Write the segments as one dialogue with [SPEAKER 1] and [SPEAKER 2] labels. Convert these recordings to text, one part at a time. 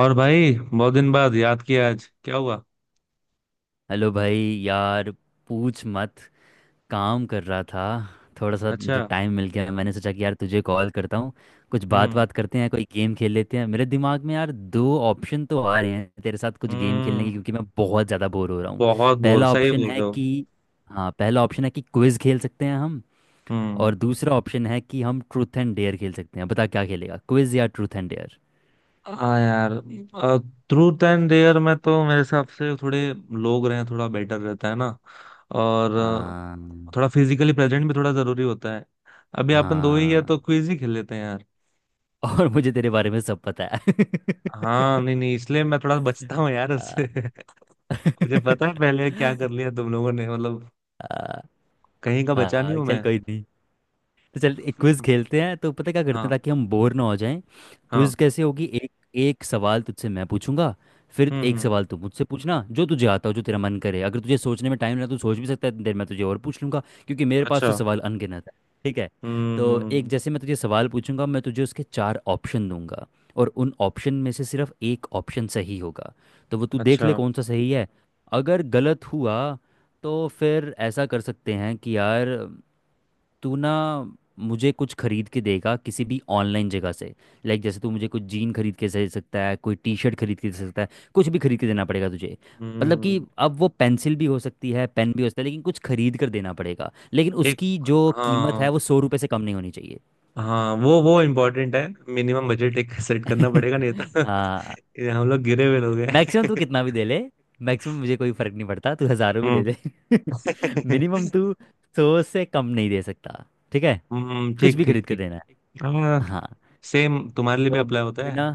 [SPEAKER 1] और भाई बहुत दिन बाद याद किया, आज क्या हुआ?
[SPEAKER 2] हेलो भाई। यार पूछ मत। काम कर रहा था। थोड़ा सा जो
[SPEAKER 1] अच्छा।
[SPEAKER 2] टाइम मिल गया मैंने सोचा कि यार तुझे कॉल करता हूँ। कुछ बात
[SPEAKER 1] हम्म
[SPEAKER 2] बात करते हैं कोई गेम खेल लेते हैं। मेरे दिमाग में यार दो ऑप्शन तो आ रहे हैं तेरे साथ कुछ गेम खेलने
[SPEAKER 1] हम्म,
[SPEAKER 2] के, क्योंकि मैं बहुत ज़्यादा बोर हो रहा हूँ।
[SPEAKER 1] बहुत बोर,
[SPEAKER 2] पहला
[SPEAKER 1] सही
[SPEAKER 2] ऑप्शन
[SPEAKER 1] बोल
[SPEAKER 2] है
[SPEAKER 1] रहे हो।
[SPEAKER 2] कि हाँ, पहला ऑप्शन है कि क्विज़ खेल सकते हैं हम।
[SPEAKER 1] हम्म।
[SPEAKER 2] और दूसरा ऑप्शन है कि हम ट्रूथ एंड डेयर खेल सकते हैं। बता क्या खेलेगा, क्विज़ या ट्रूथ एंड डेयर।
[SPEAKER 1] हाँ यार, ट्रूथ एंड डेयर में तो मेरे हिसाब से थोड़े लोग रहे, थोड़ा बेटर रहता है ना। और थोड़ा फिजिकली प्रेजेंट भी थोड़ा जरूरी होता है। अभी अपन 2 ही है,
[SPEAKER 2] हाँ
[SPEAKER 1] तो क्विज ही खेल लेते हैं यार।
[SPEAKER 2] और मुझे तेरे बारे में सब पता है।
[SPEAKER 1] हाँ, नहीं नहीं, इसलिए मैं थोड़ा बचता हूँ यार उससे। मुझे पता है पहले क्या कर लिया तुम लोगों ने, मतलब
[SPEAKER 2] आ,
[SPEAKER 1] कहीं का बचा नहीं
[SPEAKER 2] हाँ
[SPEAKER 1] हूँ
[SPEAKER 2] चल
[SPEAKER 1] मैं।
[SPEAKER 2] कोई नहीं। तो चल एक क्विज खेलते हैं, तो पता है क्या करते हैं
[SPEAKER 1] हाँ
[SPEAKER 2] ताकि हम बोर ना हो जाएं। क्विज
[SPEAKER 1] हाँ।
[SPEAKER 2] कैसे होगी, एक एक सवाल तुझसे मैं पूछूंगा। फिर एक
[SPEAKER 1] हम्म।
[SPEAKER 2] सवाल तू मुझसे पूछना जो तुझे आता हो जो तेरा मन करे। अगर तुझे सोचने में टाइम लगा तू सोच भी सकता है, इतनी देर में तुझे और पूछ लूंगा क्योंकि मेरे पास
[SPEAKER 1] अच्छा।
[SPEAKER 2] तो सवाल अनगिनत है। ठीक है। तो एक,
[SPEAKER 1] हम्म।
[SPEAKER 2] जैसे मैं तुझे सवाल पूछूंगा मैं तुझे उसके चार ऑप्शन दूंगा। और उन ऑप्शन में से सिर्फ एक ऑप्शन सही होगा। तो वो तू देख
[SPEAKER 1] अच्छा।
[SPEAKER 2] ले कौन सा सही है। अगर गलत हुआ तो फिर ऐसा कर सकते हैं कि यार, तू ना मुझे कुछ खरीद के देगा किसी भी ऑनलाइन जगह से। लाइक जैसे तू मुझे कुछ जीन खरीद के दे सकता है, कोई टी शर्ट खरीद के दे सकता है। कुछ भी खरीद के देना पड़ेगा तुझे। मतलब कि
[SPEAKER 1] हम्म।
[SPEAKER 2] अब वो पेंसिल भी हो सकती है, पेन भी हो सकता है, लेकिन कुछ खरीद कर देना पड़ेगा। लेकिन
[SPEAKER 1] एक।
[SPEAKER 2] उसकी जो कीमत है
[SPEAKER 1] हाँ
[SPEAKER 2] वो 100 रुपये से कम नहीं होनी चाहिए।
[SPEAKER 1] हाँ, वो इम्पोर्टेंट है। मिनिमम बजट एक सेट करना पड़ेगा, नहीं तो
[SPEAKER 2] हाँ।
[SPEAKER 1] ये हम लोग गिरे हुए लोग
[SPEAKER 2] मैक्सिमम तू
[SPEAKER 1] हैं।
[SPEAKER 2] कितना भी दे ले। मैक्सिमम मुझे कोई फर्क नहीं पड़ता, तू हज़ारों भी दे
[SPEAKER 1] हम्म।
[SPEAKER 2] दे। मिनिमम तू सौ से कम नहीं दे सकता। ठीक है। कुछ
[SPEAKER 1] ठीक
[SPEAKER 2] भी
[SPEAKER 1] ठीक
[SPEAKER 2] खरीद के
[SPEAKER 1] ठीक।
[SPEAKER 2] देना है।
[SPEAKER 1] हाँ,
[SPEAKER 2] हाँ।
[SPEAKER 1] सेम तुम्हारे लिए भी
[SPEAKER 2] तो
[SPEAKER 1] अप्लाई होता है।
[SPEAKER 2] बिना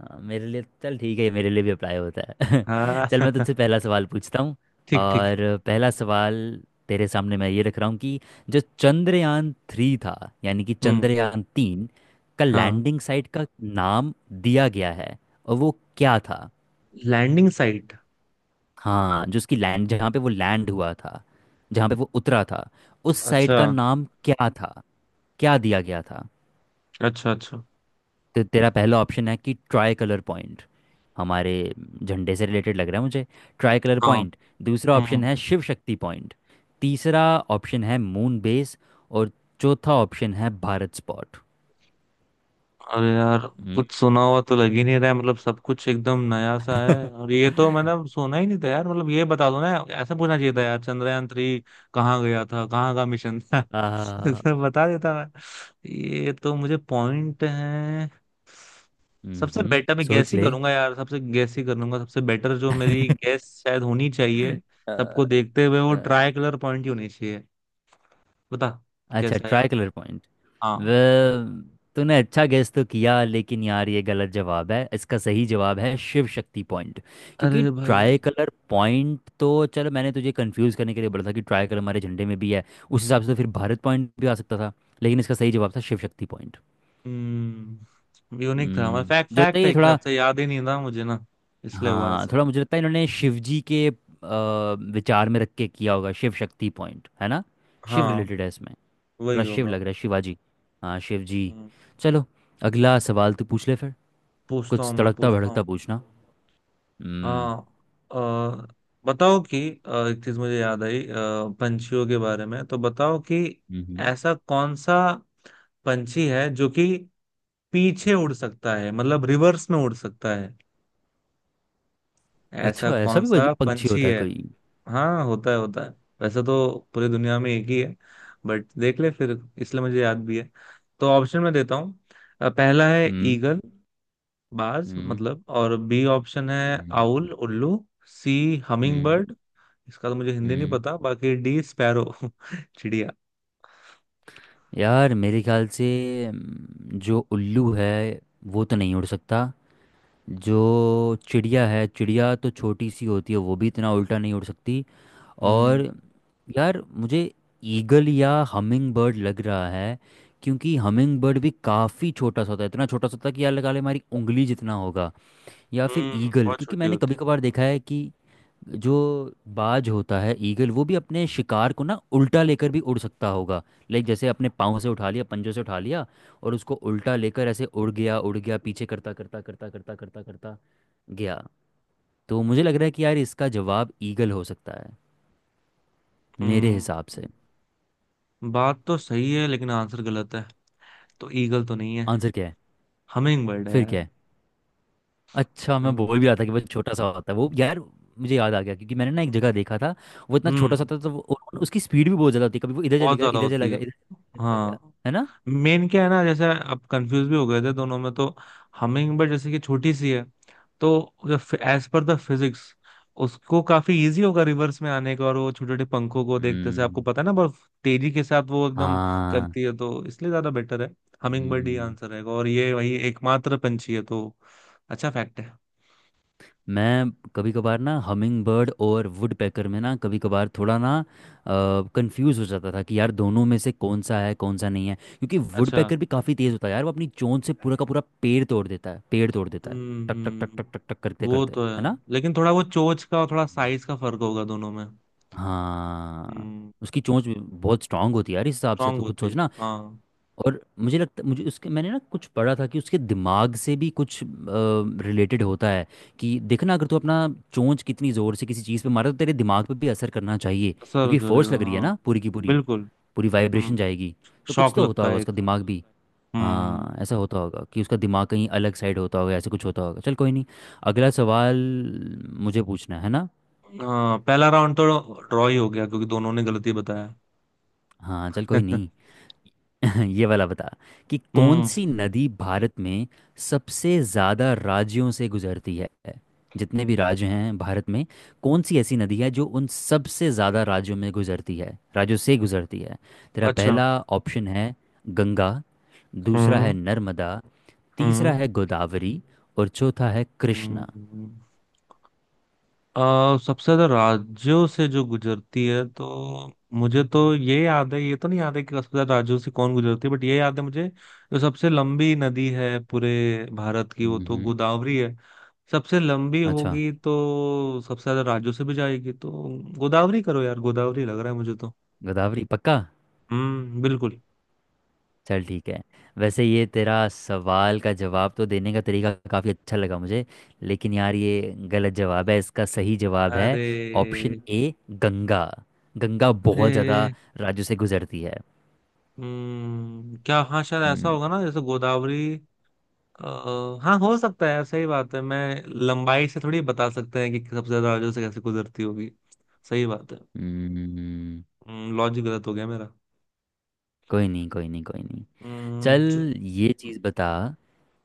[SPEAKER 2] हाँ, मेरे लिए चल ठीक है, मेरे लिए भी अप्लाई होता है।
[SPEAKER 1] हाँ।
[SPEAKER 2] चल मैं तुझसे पहला सवाल पूछता हूँ।
[SPEAKER 1] ठीक ठीक।
[SPEAKER 2] और पहला सवाल तेरे सामने मैं ये रख रहा हूँ कि जो चंद्रयान थ्री था, यानी कि
[SPEAKER 1] हम्म।
[SPEAKER 2] चंद्रयान तीन का
[SPEAKER 1] हाँ,
[SPEAKER 2] लैंडिंग साइट का नाम दिया गया है, और वो क्या था।
[SPEAKER 1] Landing site.
[SPEAKER 2] हाँ जो उसकी लैंड जहाँ पे वो लैंड हुआ था, जहाँ पे वो उतरा था, उस साइट
[SPEAKER 1] अच्छा
[SPEAKER 2] का नाम क्या था, क्या दिया गया था।
[SPEAKER 1] अच्छा अच्छा।
[SPEAKER 2] तो तेरा पहला ऑप्शन है कि ट्राई कलर पॉइंट, हमारे झंडे से रिलेटेड लग रहा है मुझे, ट्राई कलर पॉइंट। दूसरा
[SPEAKER 1] हाँ।
[SPEAKER 2] ऑप्शन है शिव शक्ति पॉइंट। तीसरा ऑप्शन है मून बेस। और चौथा ऑप्शन है भारत स्पॉट।
[SPEAKER 1] अरे यार,
[SPEAKER 2] हम्म।
[SPEAKER 1] कुछ सुना हुआ तो लग ही नहीं रहा है, मतलब सब कुछ एकदम नया सा है, और ये तो मैंने सुना ही नहीं था यार, मतलब ये बता दो ना। ऐसा पूछना चाहिए था यार, चंद्रयान थ्री कहाँ गया था, कहाँ का मिशन था।
[SPEAKER 2] आ,
[SPEAKER 1] ऐसा बता देता मैं। ये तो मुझे पॉइंट है। सबसे बेटर मैं गैस
[SPEAKER 2] सोच
[SPEAKER 1] ही
[SPEAKER 2] ले
[SPEAKER 1] करूंगा यार, सबसे गैस ही करूंगा, सबसे बेटर जो मेरी गैस शायद होनी चाहिए
[SPEAKER 2] अ,
[SPEAKER 1] सबको देखते हुए वो
[SPEAKER 2] अ,
[SPEAKER 1] ट्राई कलर पॉइंट ही होनी चाहिए। बता
[SPEAKER 2] अच्छा,
[SPEAKER 1] कैसा है यार।
[SPEAKER 2] Tricolour point.
[SPEAKER 1] हाँ।
[SPEAKER 2] वह, तूने अच्छा गेस तो किया लेकिन यार ये गलत जवाब है, इसका सही जवाब है शिव शक्ति पॉइंट। क्योंकि
[SPEAKER 1] अरे
[SPEAKER 2] ट्राई
[SPEAKER 1] भाई।
[SPEAKER 2] कलर पॉइंट तो चलो मैंने तुझे कंफ्यूज करने के लिए बोला था कि ट्राई कलर हमारे झंडे में भी है, उस हिसाब से तो फिर भारत पॉइंट भी आ सकता था। लेकिन इसका सही जवाब था शिव शक्ति पॉइंट।
[SPEAKER 1] हम्म, यूनिक था, हमारा फैक्ट
[SPEAKER 2] मुझे लगता
[SPEAKER 1] फैक्ट
[SPEAKER 2] है
[SPEAKER 1] है
[SPEAKER 2] ये
[SPEAKER 1] एक हिसाब
[SPEAKER 2] थोड़ा
[SPEAKER 1] से, याद ही नहीं था मुझे ना, इसलिए हुआ
[SPEAKER 2] हाँ
[SPEAKER 1] ऐसा।
[SPEAKER 2] थोड़ा मुझे लगता है इन्होंने शिव जी के विचार में रख के किया होगा, शिव शक्ति पॉइंट है ना। शिव
[SPEAKER 1] हाँ।
[SPEAKER 2] रिलेटेड है इसमें,
[SPEAKER 1] वही
[SPEAKER 2] थोड़ा शिव
[SPEAKER 1] होगा।
[SPEAKER 2] लग रहा है, शिवाजी। हाँ शिव जी।
[SPEAKER 1] हम्म।
[SPEAKER 2] चलो, अगला सवाल तू पूछ ले फिर।
[SPEAKER 1] पूछता हूँ,
[SPEAKER 2] कुछ
[SPEAKER 1] मैं
[SPEAKER 2] तड़कता
[SPEAKER 1] पूछता हूँ।
[SPEAKER 2] भड़कता पूछना। हम्म।
[SPEAKER 1] हाँ, बताओ कि, एक चीज मुझे याद आई, पंछियों के बारे में तो बताओ कि
[SPEAKER 2] हम्म।
[SPEAKER 1] ऐसा कौन सा पंछी है जो कि पीछे उड़ सकता है, मतलब रिवर्स में उड़ सकता है। ऐसा
[SPEAKER 2] अच्छा, ऐसा
[SPEAKER 1] कौन
[SPEAKER 2] भी
[SPEAKER 1] सा
[SPEAKER 2] पंछी
[SPEAKER 1] पंछी
[SPEAKER 2] होता है
[SPEAKER 1] है?
[SPEAKER 2] कोई।
[SPEAKER 1] हाँ होता है होता है। वैसे तो पूरी दुनिया में एक ही है, बट देख ले फिर, इसलिए मुझे याद भी है, तो ऑप्शन में देता हूँ। पहला है
[SPEAKER 2] हम्म।
[SPEAKER 1] ईगल, बाज
[SPEAKER 2] हम्म।
[SPEAKER 1] मतलब। और बी ऑप्शन है
[SPEAKER 2] हम्म।
[SPEAKER 1] आउल, उल्लू। सी हमिंग
[SPEAKER 2] हम्म।
[SPEAKER 1] बर्ड। इसका तो मुझे हिंदी नहीं
[SPEAKER 2] हम्म।
[SPEAKER 1] पता। बाकी डी स्पैरो, चिड़िया।
[SPEAKER 2] यार मेरे ख्याल से, जो उल्लू है वो तो नहीं उड़ सकता। जो चिड़िया है, चिड़िया तो छोटी सी होती है, वो भी इतना उल्टा नहीं उड़ सकती। और
[SPEAKER 1] हम्म
[SPEAKER 2] यार मुझे ईगल या हमिंग बर्ड लग रहा है। क्योंकि हमिंग बर्ड भी काफ़ी छोटा सा होता है, इतना छोटा सा होता है कि यार लगा ले हमारी उंगली जितना होगा। या फिर ईगल,
[SPEAKER 1] बहुत
[SPEAKER 2] क्योंकि
[SPEAKER 1] छोटी
[SPEAKER 2] मैंने
[SPEAKER 1] होती
[SPEAKER 2] कभी
[SPEAKER 1] है।
[SPEAKER 2] कभार देखा है कि जो बाज होता है, ईगल, वो भी अपने शिकार को ना उल्टा लेकर भी उड़ सकता होगा। लाइक जैसे अपने पाँव से उठा लिया, पंजों से उठा लिया, और उसको उल्टा लेकर ऐसे उड़ गया, उड़ गया, पीछे करता करता करता करता करता करता गया। तो मुझे लग रहा है कि यार इसका जवाब ईगल हो सकता है, मेरे हिसाब से।
[SPEAKER 1] हम्म, बात तो सही है लेकिन आंसर गलत है, तो ईगल तो नहीं है।
[SPEAKER 2] आंसर क्या है?
[SPEAKER 1] हमिंग बर्ड है
[SPEAKER 2] फिर
[SPEAKER 1] यार।
[SPEAKER 2] क्या है? अच्छा, मैं बोल
[SPEAKER 1] हम्म
[SPEAKER 2] भी रहा था कि वो छोटा सा होता है वो यार। मुझे याद आ गया क्योंकि मैंने ना एक जगह देखा था, वो इतना छोटा सा
[SPEAKER 1] हम्म,
[SPEAKER 2] था तो वो, और उसकी स्पीड भी बहुत ज़्यादा होती है। कभी वो इधर चले
[SPEAKER 1] बहुत
[SPEAKER 2] गया,
[SPEAKER 1] ज्यादा
[SPEAKER 2] इधर चला
[SPEAKER 1] होती है।
[SPEAKER 2] गया, इधर, इधर चला गया,
[SPEAKER 1] हाँ,
[SPEAKER 2] है ना।
[SPEAKER 1] मेन क्या है ना, जैसे अब कंफ्यूज भी हो गए थे दोनों में, तो हमिंग बर्ड जैसे कि छोटी सी है, तो एज पर द फिजिक्स उसको काफी इजी होगा रिवर्स में आने का, और वो छोटे छोटे पंखों को देखते से आपको
[SPEAKER 2] हम्म।
[SPEAKER 1] पता है ना, बहुत तेजी के साथ वो एकदम
[SPEAKER 2] हाँ।
[SPEAKER 1] करती है, तो इसलिए ज्यादा बेटर है। हमिंग बर्ड ही
[SPEAKER 2] हम्म।
[SPEAKER 1] आंसर रहेगा और ये वही एकमात्र पंछी है, तो अच्छा फैक्ट है।
[SPEAKER 2] मैं कभी कभार ना हमिंग बर्ड और वुड पैकर में ना कभी कभार थोड़ा ना कंफ्यूज हो जाता था कि यार दोनों में से कौन सा है कौन सा नहीं है। क्योंकि वुड
[SPEAKER 1] अच्छा।
[SPEAKER 2] पैकर भी काफ़ी तेज़ होता है यार, वो अपनी चोंच से पूरा का पूरा पेड़ तोड़ देता है, पेड़ तोड़ देता है।
[SPEAKER 1] हम्म
[SPEAKER 2] टक टक टक
[SPEAKER 1] हम्म,
[SPEAKER 2] टक टक टक करते
[SPEAKER 1] वो
[SPEAKER 2] करते।
[SPEAKER 1] तो है,
[SPEAKER 2] है
[SPEAKER 1] लेकिन थोड़ा वो चोंच का और थोड़ा
[SPEAKER 2] ना।
[SPEAKER 1] साइज का फर्क होगा दोनों में।
[SPEAKER 2] हाँ।
[SPEAKER 1] हम्म,
[SPEAKER 2] उसकी चोंच भी बहुत स्ट्रांग होती है यार, इस हिसाब से
[SPEAKER 1] स्ट्रांग
[SPEAKER 2] तो कुछ
[SPEAKER 1] होती है,
[SPEAKER 2] सोचना।
[SPEAKER 1] हाँ।
[SPEAKER 2] और मुझे लगता मुझे उसके मैंने ना कुछ पढ़ा था कि उसके दिमाग से भी कुछ रिलेटेड होता है। कि देखना अगर तू अपना चोंच कितनी ज़ोर से किसी चीज़ पे मारे, तो तेरे दिमाग पे भी असर करना चाहिए।
[SPEAKER 1] असर
[SPEAKER 2] क्योंकि फोर्स
[SPEAKER 1] करेगा,
[SPEAKER 2] लग रही है
[SPEAKER 1] हाँ।
[SPEAKER 2] ना पूरी की पूरी,
[SPEAKER 1] बिल्कुल।
[SPEAKER 2] पूरी
[SPEAKER 1] हम्म।
[SPEAKER 2] वाइब्रेशन जाएगी। तो कुछ
[SPEAKER 1] शौक
[SPEAKER 2] तो होता
[SPEAKER 1] लगता
[SPEAKER 2] होगा
[SPEAKER 1] है एक।
[SPEAKER 2] उसका दिमाग भी।
[SPEAKER 1] हम्म।
[SPEAKER 2] हाँ, ऐसा होता होगा कि उसका दिमाग कहीं अलग साइड होता होगा, ऐसे कुछ होता होगा। चल कोई नहीं। अगला सवाल मुझे पूछना है ना।
[SPEAKER 1] हाँ, पहला राउंड तो ड्रॉ ही हो गया क्योंकि दोनों ने गलती बताया।
[SPEAKER 2] हाँ चल कोई नहीं। ये वाला बता कि कौन
[SPEAKER 1] हम्म।
[SPEAKER 2] सी नदी भारत में सबसे ज्यादा राज्यों से गुजरती है। जितने भी राज्य हैं भारत में, कौन सी ऐसी नदी है जो उन सबसे ज्यादा राज्यों में गुजरती है, राज्यों से गुजरती है। तेरा
[SPEAKER 1] अच्छा।
[SPEAKER 2] पहला ऑप्शन है गंगा। दूसरा है
[SPEAKER 1] हम्म
[SPEAKER 2] नर्मदा। तीसरा
[SPEAKER 1] हम्म
[SPEAKER 2] है गोदावरी। और चौथा है कृष्णा।
[SPEAKER 1] हम्म। अ, सबसे ज्यादा राज्यों से जो गुजरती है, तो मुझे तो ये याद है, ये तो नहीं याद है कि सबसे ज्यादा राज्यों से कौन गुजरती है, बट ये याद है मुझे, जो सबसे लंबी नदी है पूरे भारत की वो तो
[SPEAKER 2] हम्म।
[SPEAKER 1] गोदावरी है। सबसे लंबी
[SPEAKER 2] अच्छा,
[SPEAKER 1] होगी तो सबसे ज्यादा राज्यों से भी जाएगी, तो गोदावरी करो यार, गोदावरी लग रहा है मुझे तो।
[SPEAKER 2] गोदावरी पक्का।
[SPEAKER 1] हम्म, बिल्कुल।
[SPEAKER 2] चल ठीक है। वैसे ये तेरा सवाल का जवाब तो देने का तरीका काफ़ी अच्छा लगा मुझे, लेकिन यार ये गलत जवाब है। इसका सही जवाब है
[SPEAKER 1] अरे।
[SPEAKER 2] Option A, Ganga. गंगा बहुत ज़्यादा
[SPEAKER 1] अरे।
[SPEAKER 2] राज्यों से गुजरती है।
[SPEAKER 1] हम्म, क्या? हाँ, शायद ऐसा होगा
[SPEAKER 2] हम्म।
[SPEAKER 1] ना, जैसे गोदावरी, हाँ हो सकता है, सही बात है, मैं लंबाई से थोड़ी बता सकते हैं कि सबसे ज्यादा राज्यों से कैसे गुजरती होगी। सही बात है,
[SPEAKER 2] हम्म।
[SPEAKER 1] लॉजिक गलत हो गया मेरा।
[SPEAKER 2] कोई नहीं, कोई नहीं, कोई नहीं।
[SPEAKER 1] हम्म,
[SPEAKER 2] चल
[SPEAKER 1] च-
[SPEAKER 2] ये चीज़ बता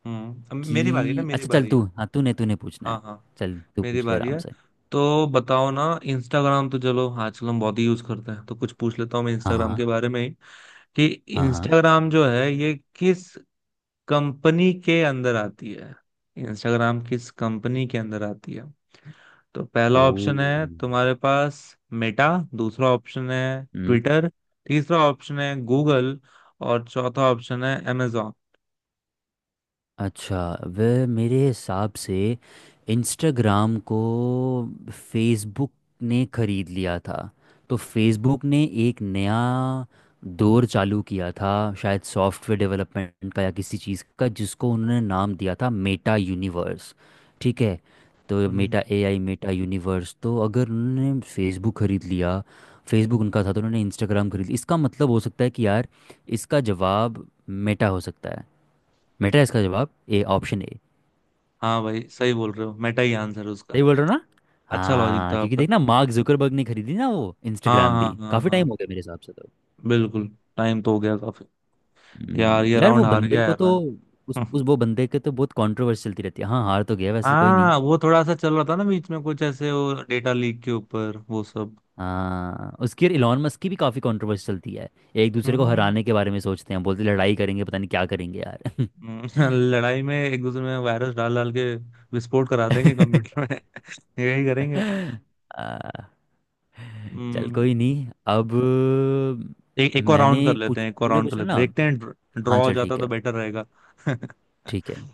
[SPEAKER 1] अब मेरी बारी है ना,
[SPEAKER 2] कि
[SPEAKER 1] मेरी
[SPEAKER 2] अच्छा चल
[SPEAKER 1] बारी
[SPEAKER 2] तू,
[SPEAKER 1] है।
[SPEAKER 2] हाँ तूने तूने पूछना
[SPEAKER 1] हाँ
[SPEAKER 2] है।
[SPEAKER 1] हाँ।
[SPEAKER 2] चल तू
[SPEAKER 1] मेरी
[SPEAKER 2] पूछ ले
[SPEAKER 1] बारी
[SPEAKER 2] आराम
[SPEAKER 1] है,
[SPEAKER 2] से।
[SPEAKER 1] तो बताओ ना, इंस्टाग्राम तो चलो आजकल हम बहुत ही यूज करते हैं, तो कुछ पूछ लेता हूँ मैं
[SPEAKER 2] हाँ
[SPEAKER 1] इंस्टाग्राम
[SPEAKER 2] हाँ
[SPEAKER 1] के बारे में ही, कि
[SPEAKER 2] हाँ हाँ।
[SPEAKER 1] इंस्टाग्राम जो है ये किस कंपनी के अंदर आती है? इंस्टाग्राम किस कंपनी के अंदर आती है? तो
[SPEAKER 2] ओ।
[SPEAKER 1] पहला ऑप्शन है तुम्हारे पास मेटा, दूसरा ऑप्शन है
[SPEAKER 2] हम्म।
[SPEAKER 1] ट्विटर, तीसरा ऑप्शन है गूगल, और चौथा ऑप्शन है Amazon।
[SPEAKER 2] अच्छा, वह मेरे हिसाब से इंस्टाग्राम को फेसबुक ने खरीद लिया था। तो फेसबुक ने एक नया दौर चालू किया था, शायद सॉफ्टवेयर डेवलपमेंट का या किसी चीज़ का, जिसको उन्होंने नाम दिया था मेटा यूनिवर्स। ठीक है। तो
[SPEAKER 1] हम्म,
[SPEAKER 2] मेटा एआई, मेटा यूनिवर्स, तो अगर उन्होंने फेसबुक खरीद लिया, फेसबुक उनका था, तो उन्होंने इंस्टाग्राम खरीद लिया। इसका मतलब हो सकता है कि यार, इसका जवाब मेटा हो सकता है। मेटा है इसका जवाब, ए, ऑप्शन ए।
[SPEAKER 1] हाँ भाई सही बोल रहे हो, मेटा ही आंसर है उसका।
[SPEAKER 2] सही बोल रहे हो ना।
[SPEAKER 1] अच्छा लॉजिक
[SPEAKER 2] हाँ
[SPEAKER 1] था
[SPEAKER 2] क्योंकि
[SPEAKER 1] आपका।
[SPEAKER 2] देखना, मार्क जुकरबर्ग ने खरीदी ना वो
[SPEAKER 1] हाँ
[SPEAKER 2] इंस्टाग्राम,
[SPEAKER 1] हाँ
[SPEAKER 2] भी
[SPEAKER 1] हाँ
[SPEAKER 2] काफी टाइम
[SPEAKER 1] हाँ,
[SPEAKER 2] हो गया मेरे हिसाब से तो।
[SPEAKER 1] बिल्कुल। टाइम तो हो गया काफी। यार, ये
[SPEAKER 2] यार वो
[SPEAKER 1] राउंड हार गया
[SPEAKER 2] बंदे को
[SPEAKER 1] यार
[SPEAKER 2] तो
[SPEAKER 1] मैं।
[SPEAKER 2] उस वो बंदे के तो बहुत कंट्रोवर्सी चलती रहती है। हाँ हार तो गया वैसे, कोई नहीं।
[SPEAKER 1] हाँ, वो थोड़ा सा चल रहा था ना बीच में, कुछ ऐसे वो डेटा लीक के ऊपर वो सब।
[SPEAKER 2] हाँ उसकी और इलॉन मस्क की भी काफी कंट्रोवर्सी चलती है। एक दूसरे को
[SPEAKER 1] हम्म।
[SPEAKER 2] हराने के बारे में सोचते हैं, बोलते लड़ाई करेंगे, पता नहीं क्या करेंगे यार।
[SPEAKER 1] हम्म, लड़ाई में एक दूसरे में वायरस डाल डाल के विस्फोट करा देंगे कंप्यूटर में। यही करेंगे।
[SPEAKER 2] आ, चल
[SPEAKER 1] हम्म।
[SPEAKER 2] कोई नहीं। अब
[SPEAKER 1] एक एक और
[SPEAKER 2] मैंने
[SPEAKER 1] राउंड कर
[SPEAKER 2] पूछ
[SPEAKER 1] लेते हैं, एक और
[SPEAKER 2] तूने
[SPEAKER 1] राउंड कर
[SPEAKER 2] पूछना
[SPEAKER 1] लेते हैं,
[SPEAKER 2] ना।
[SPEAKER 1] देखते हैं,
[SPEAKER 2] हाँ
[SPEAKER 1] ड्रॉ हो
[SPEAKER 2] चल
[SPEAKER 1] जाता
[SPEAKER 2] ठीक है।
[SPEAKER 1] तो बेटर रहेगा।
[SPEAKER 2] ठीक है।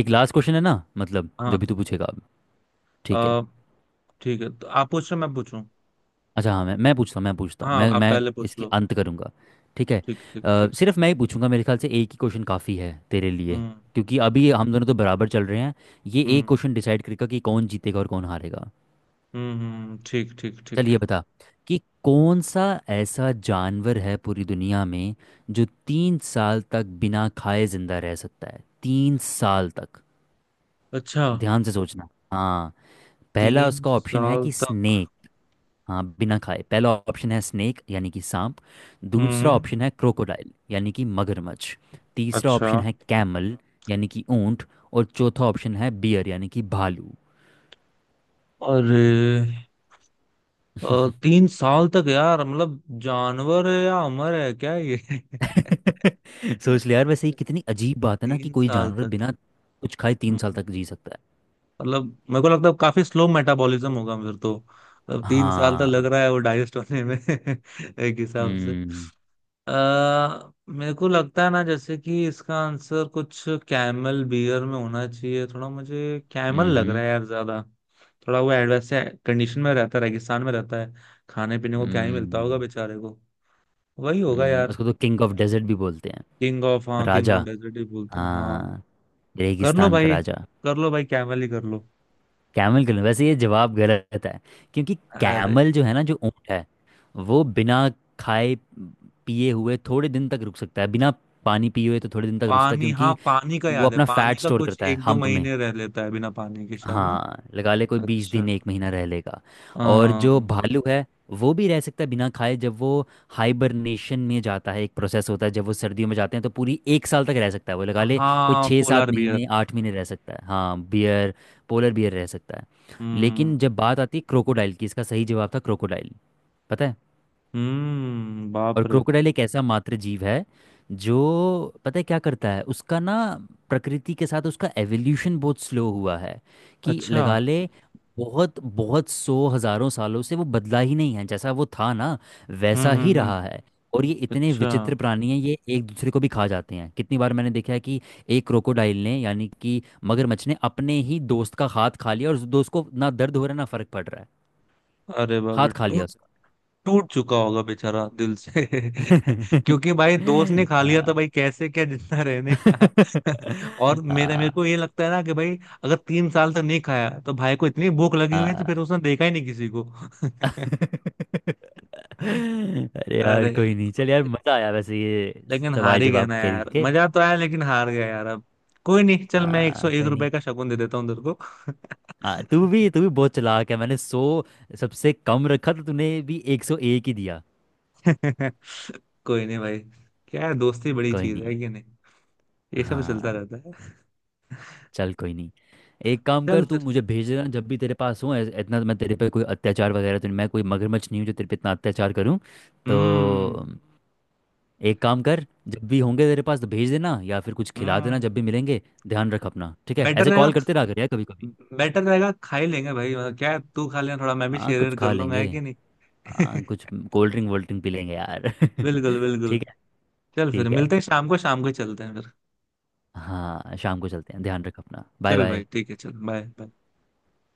[SPEAKER 2] एक लास्ट क्वेश्चन है ना, मतलब
[SPEAKER 1] हाँ,
[SPEAKER 2] जो भी तू पूछेगा अब। ठीक है।
[SPEAKER 1] अ, ठीक है, तो आप पूछ रहे हो, मैं पूछूं?
[SPEAKER 2] अच्छा हाँ मैं पूछता हूँ
[SPEAKER 1] हाँ, आप
[SPEAKER 2] मैं
[SPEAKER 1] पहले पूछ
[SPEAKER 2] इसकी
[SPEAKER 1] लो।
[SPEAKER 2] अंत करूँगा। ठीक है।
[SPEAKER 1] ठीक ठीक ठीक।
[SPEAKER 2] सिर्फ मैं ही पूछूंगा, मेरे ख्याल से एक ही क्वेश्चन काफ़ी है तेरे लिए।
[SPEAKER 1] हम्म।
[SPEAKER 2] क्योंकि अभी हम दोनों तो बराबर चल रहे हैं, ये एक
[SPEAKER 1] हम्म
[SPEAKER 2] क्वेश्चन डिसाइड करेगा कि कौन जीतेगा और कौन हारेगा।
[SPEAKER 1] ठीक ठीक ठीक।
[SPEAKER 2] चलिए बता कि कौन सा ऐसा जानवर है पूरी दुनिया में जो 3 साल तक बिना खाए जिंदा रह सकता है, तीन साल तक।
[SPEAKER 1] अच्छा।
[SPEAKER 2] ध्यान से सोचना। हाँ, पहला
[SPEAKER 1] तीन
[SPEAKER 2] उसका ऑप्शन है
[SPEAKER 1] साल
[SPEAKER 2] कि
[SPEAKER 1] तक?
[SPEAKER 2] स्नेक। हाँ बिना खाए। पहला ऑप्शन है स्नेक, यानी कि सांप। दूसरा
[SPEAKER 1] हम्म।
[SPEAKER 2] ऑप्शन है क्रोकोडाइल, यानी कि मगरमच्छ। तीसरा
[SPEAKER 1] अच्छा।
[SPEAKER 2] ऑप्शन है कैमल, यानी कि ऊंट। और चौथा ऑप्शन है बियर, यानी कि भालू।
[SPEAKER 1] अरे, 3 साल तक यार, मतलब जानवर है या अमर है क्या ये?
[SPEAKER 2] सोच ले यार। वैसे ये कितनी अजीब बात है ना कि
[SPEAKER 1] तीन
[SPEAKER 2] कोई
[SPEAKER 1] साल
[SPEAKER 2] जानवर
[SPEAKER 1] तक?
[SPEAKER 2] बिना कुछ खाए तीन साल
[SPEAKER 1] हम्म,
[SPEAKER 2] तक जी सकता है।
[SPEAKER 1] मतलब मेरे को लगता है काफी स्लो मेटाबॉलिज्म होगा फिर तो। मतलब 3 साल तक लग
[SPEAKER 2] हाँ।
[SPEAKER 1] रहा है वो डाइजेस्ट होने में एक हिसाब से।
[SPEAKER 2] हम्म।
[SPEAKER 1] मेरे को लगता है ना, जैसे कि इसका आंसर कुछ कैमल बियर में होना चाहिए, थोड़ा मुझे कैमल लग रहा
[SPEAKER 2] हम्म।
[SPEAKER 1] है यार ज्यादा। थोड़ा वो एडवर्स कंडीशन में रहता है, रेगिस्तान में रहता है, खाने पीने को क्या ही मिलता होगा
[SPEAKER 2] हम्म।
[SPEAKER 1] बेचारे को। वही होगा
[SPEAKER 2] हम्म।
[SPEAKER 1] यार।
[SPEAKER 2] उसको तो किंग ऑफ डेजर्ट भी बोलते हैं।
[SPEAKER 1] किंग ऑफ, हाँ, किंग ऑफ
[SPEAKER 2] राजा।
[SPEAKER 1] डेजर्ट ही बोलते हैं, हाँ।
[SPEAKER 2] हाँ,
[SPEAKER 1] कर लो
[SPEAKER 2] रेगिस्तान का
[SPEAKER 1] भाई,
[SPEAKER 2] राजा।
[SPEAKER 1] कर लो भाई, कैमल ही कर लो।
[SPEAKER 2] कैमल के लिए वैसे ये जवाब गलत है। क्योंकि
[SPEAKER 1] अरे।
[SPEAKER 2] कैमल जो है ना, जो ऊँट है, वो बिना खाए पिए हुए थोड़े दिन तक रुक सकता है। बिना पानी पिए हुए तो थोड़े दिन तक रुकता है,
[SPEAKER 1] पानी, हाँ,
[SPEAKER 2] क्योंकि
[SPEAKER 1] पानी का
[SPEAKER 2] वो
[SPEAKER 1] याद है,
[SPEAKER 2] अपना
[SPEAKER 1] पानी
[SPEAKER 2] फैट
[SPEAKER 1] का
[SPEAKER 2] स्टोर
[SPEAKER 1] कुछ
[SPEAKER 2] करता है
[SPEAKER 1] एक दो
[SPEAKER 2] हम्प में।
[SPEAKER 1] महीने रह लेता है बिना पानी के शायद ना।
[SPEAKER 2] हाँ लगा ले कोई 20 दिन,
[SPEAKER 1] अच्छा।
[SPEAKER 2] एक महीना रह लेगा। और जो
[SPEAKER 1] अम,
[SPEAKER 2] भालू है वो भी रह सकता है बिना खाए, जब वो हाइबरनेशन में जाता है, एक प्रोसेस होता है जब वो सर्दियों में जाते हैं, तो पूरी एक साल तक रह सकता है वो, लगा ले कोई
[SPEAKER 1] हाँ,
[SPEAKER 2] छः
[SPEAKER 1] पोलार
[SPEAKER 2] सात
[SPEAKER 1] बियर।
[SPEAKER 2] महीने 8 महीने रह सकता है। हाँ बियर, पोलर बियर रह सकता है। लेकिन जब
[SPEAKER 1] हम्म
[SPEAKER 2] बात आती है क्रोकोडाइल की, इसका सही जवाब था क्रोकोडाइल, पता है।
[SPEAKER 1] हम्म,
[SPEAKER 2] और
[SPEAKER 1] बाप रे।
[SPEAKER 2] क्रोकोडाइल एक ऐसा मात्र जीव है जो पता है क्या करता है उसका ना, प्रकृति के साथ उसका एवोल्यूशन बहुत स्लो हुआ है। कि
[SPEAKER 1] अच्छा।
[SPEAKER 2] लगा ले बहुत बहुत सौ हजारों सालों से वो बदला ही नहीं है, जैसा वो था ना वैसा ही रहा
[SPEAKER 1] हम्म।
[SPEAKER 2] है। और ये इतने
[SPEAKER 1] अच्छा।
[SPEAKER 2] विचित्र प्राणी हैं, ये एक दूसरे को भी खा जाते हैं। कितनी बार मैंने देखा है कि एक क्रोकोडाइल ने, यानी कि मगरमच्छ ने, अपने ही दोस्त का हाथ खा लिया, और उस दोस्त को ना दर्द हो रहा है ना फर्क पड़ रहा है।
[SPEAKER 1] अरे बाप
[SPEAKER 2] हाथ
[SPEAKER 1] रे।
[SPEAKER 2] खा लिया उसका।
[SPEAKER 1] टूट चुका होगा बेचारा दिल से। क्योंकि भाई, दोस्त ने खा लिया, तो
[SPEAKER 2] हाँ
[SPEAKER 1] भाई कैसे क्या जिंदा रहने का। और मेरे मेरे
[SPEAKER 2] हाँ।
[SPEAKER 1] को ये लगता है ना कि भाई, अगर 3 साल तक नहीं खाया, तो भाई को इतनी भूख लगी हुई है, तो
[SPEAKER 2] हाँ
[SPEAKER 1] फिर उसने देखा ही नहीं किसी को।
[SPEAKER 2] अरे यार
[SPEAKER 1] अरे।
[SPEAKER 2] कोई नहीं, चल यार मजा आया वैसे ये
[SPEAKER 1] लेकिन
[SPEAKER 2] सवाल
[SPEAKER 1] हार ही गया
[SPEAKER 2] जवाब
[SPEAKER 1] ना यार,
[SPEAKER 2] करके।
[SPEAKER 1] मजा तो आया लेकिन हार गया यार अब। कोई नहीं, चल, मैं एक सौ
[SPEAKER 2] हाँ
[SPEAKER 1] एक
[SPEAKER 2] कोई नहीं।
[SPEAKER 1] रुपए का शगुन दे देता हूँ तेरे को।
[SPEAKER 2] हाँ तू भी बहुत चालाक है, मैंने सौ सबसे कम रखा तो तूने भी 101 ही दिया।
[SPEAKER 1] कोई नहीं भाई। क्या है, दोस्ती बड़ी
[SPEAKER 2] कोई
[SPEAKER 1] चीज
[SPEAKER 2] नहीं।
[SPEAKER 1] है कि नहीं। ये सब चलता
[SPEAKER 2] हाँ
[SPEAKER 1] रहता है।
[SPEAKER 2] चल कोई नहीं। एक काम
[SPEAKER 1] चल
[SPEAKER 2] कर तू
[SPEAKER 1] फिर।
[SPEAKER 2] मुझे भेज देना जब भी तेरे पास हो इतना, तो मैं तेरे पे कोई अत्याचार वगैरह तो नहीं- मैं कोई मगरमच्छ नहीं हूँ जो तेरे पे इतना अत्याचार करूँ। तो
[SPEAKER 1] हम्म।
[SPEAKER 2] एक काम कर, जब भी होंगे तेरे पास तो भेज देना, या फिर कुछ खिला देना
[SPEAKER 1] हम्म,
[SPEAKER 2] जब भी मिलेंगे। ध्यान रख अपना, ठीक है,
[SPEAKER 1] बेटर
[SPEAKER 2] ऐसे
[SPEAKER 1] रहेगा।
[SPEAKER 2] कॉल करते रहा कर यार कभी कभी।
[SPEAKER 1] बेटर रहेगा, खा ही लेंगे भाई, मतलब क्या है, तू खा लेना थोड़ा, मैं भी
[SPEAKER 2] हाँ कुछ
[SPEAKER 1] शेयर कर
[SPEAKER 2] खा
[SPEAKER 1] लूंगा,
[SPEAKER 2] लेंगे।
[SPEAKER 1] है कि
[SPEAKER 2] हाँ
[SPEAKER 1] नहीं।
[SPEAKER 2] कुछ कोल्ड ड्रिंक वोल्ड ड्रिंक पी लेंगे यार
[SPEAKER 1] बिल्कुल बिल्कुल।
[SPEAKER 2] ठीक है।
[SPEAKER 1] चल फिर
[SPEAKER 2] ठीक है।
[SPEAKER 1] मिलते हैं शाम को, शाम को चलते हैं फिर।
[SPEAKER 2] हाँ शाम को चलते हैं। ध्यान रख अपना। बाय
[SPEAKER 1] चल भाई,
[SPEAKER 2] बाय।
[SPEAKER 1] ठीक है, चल बाय।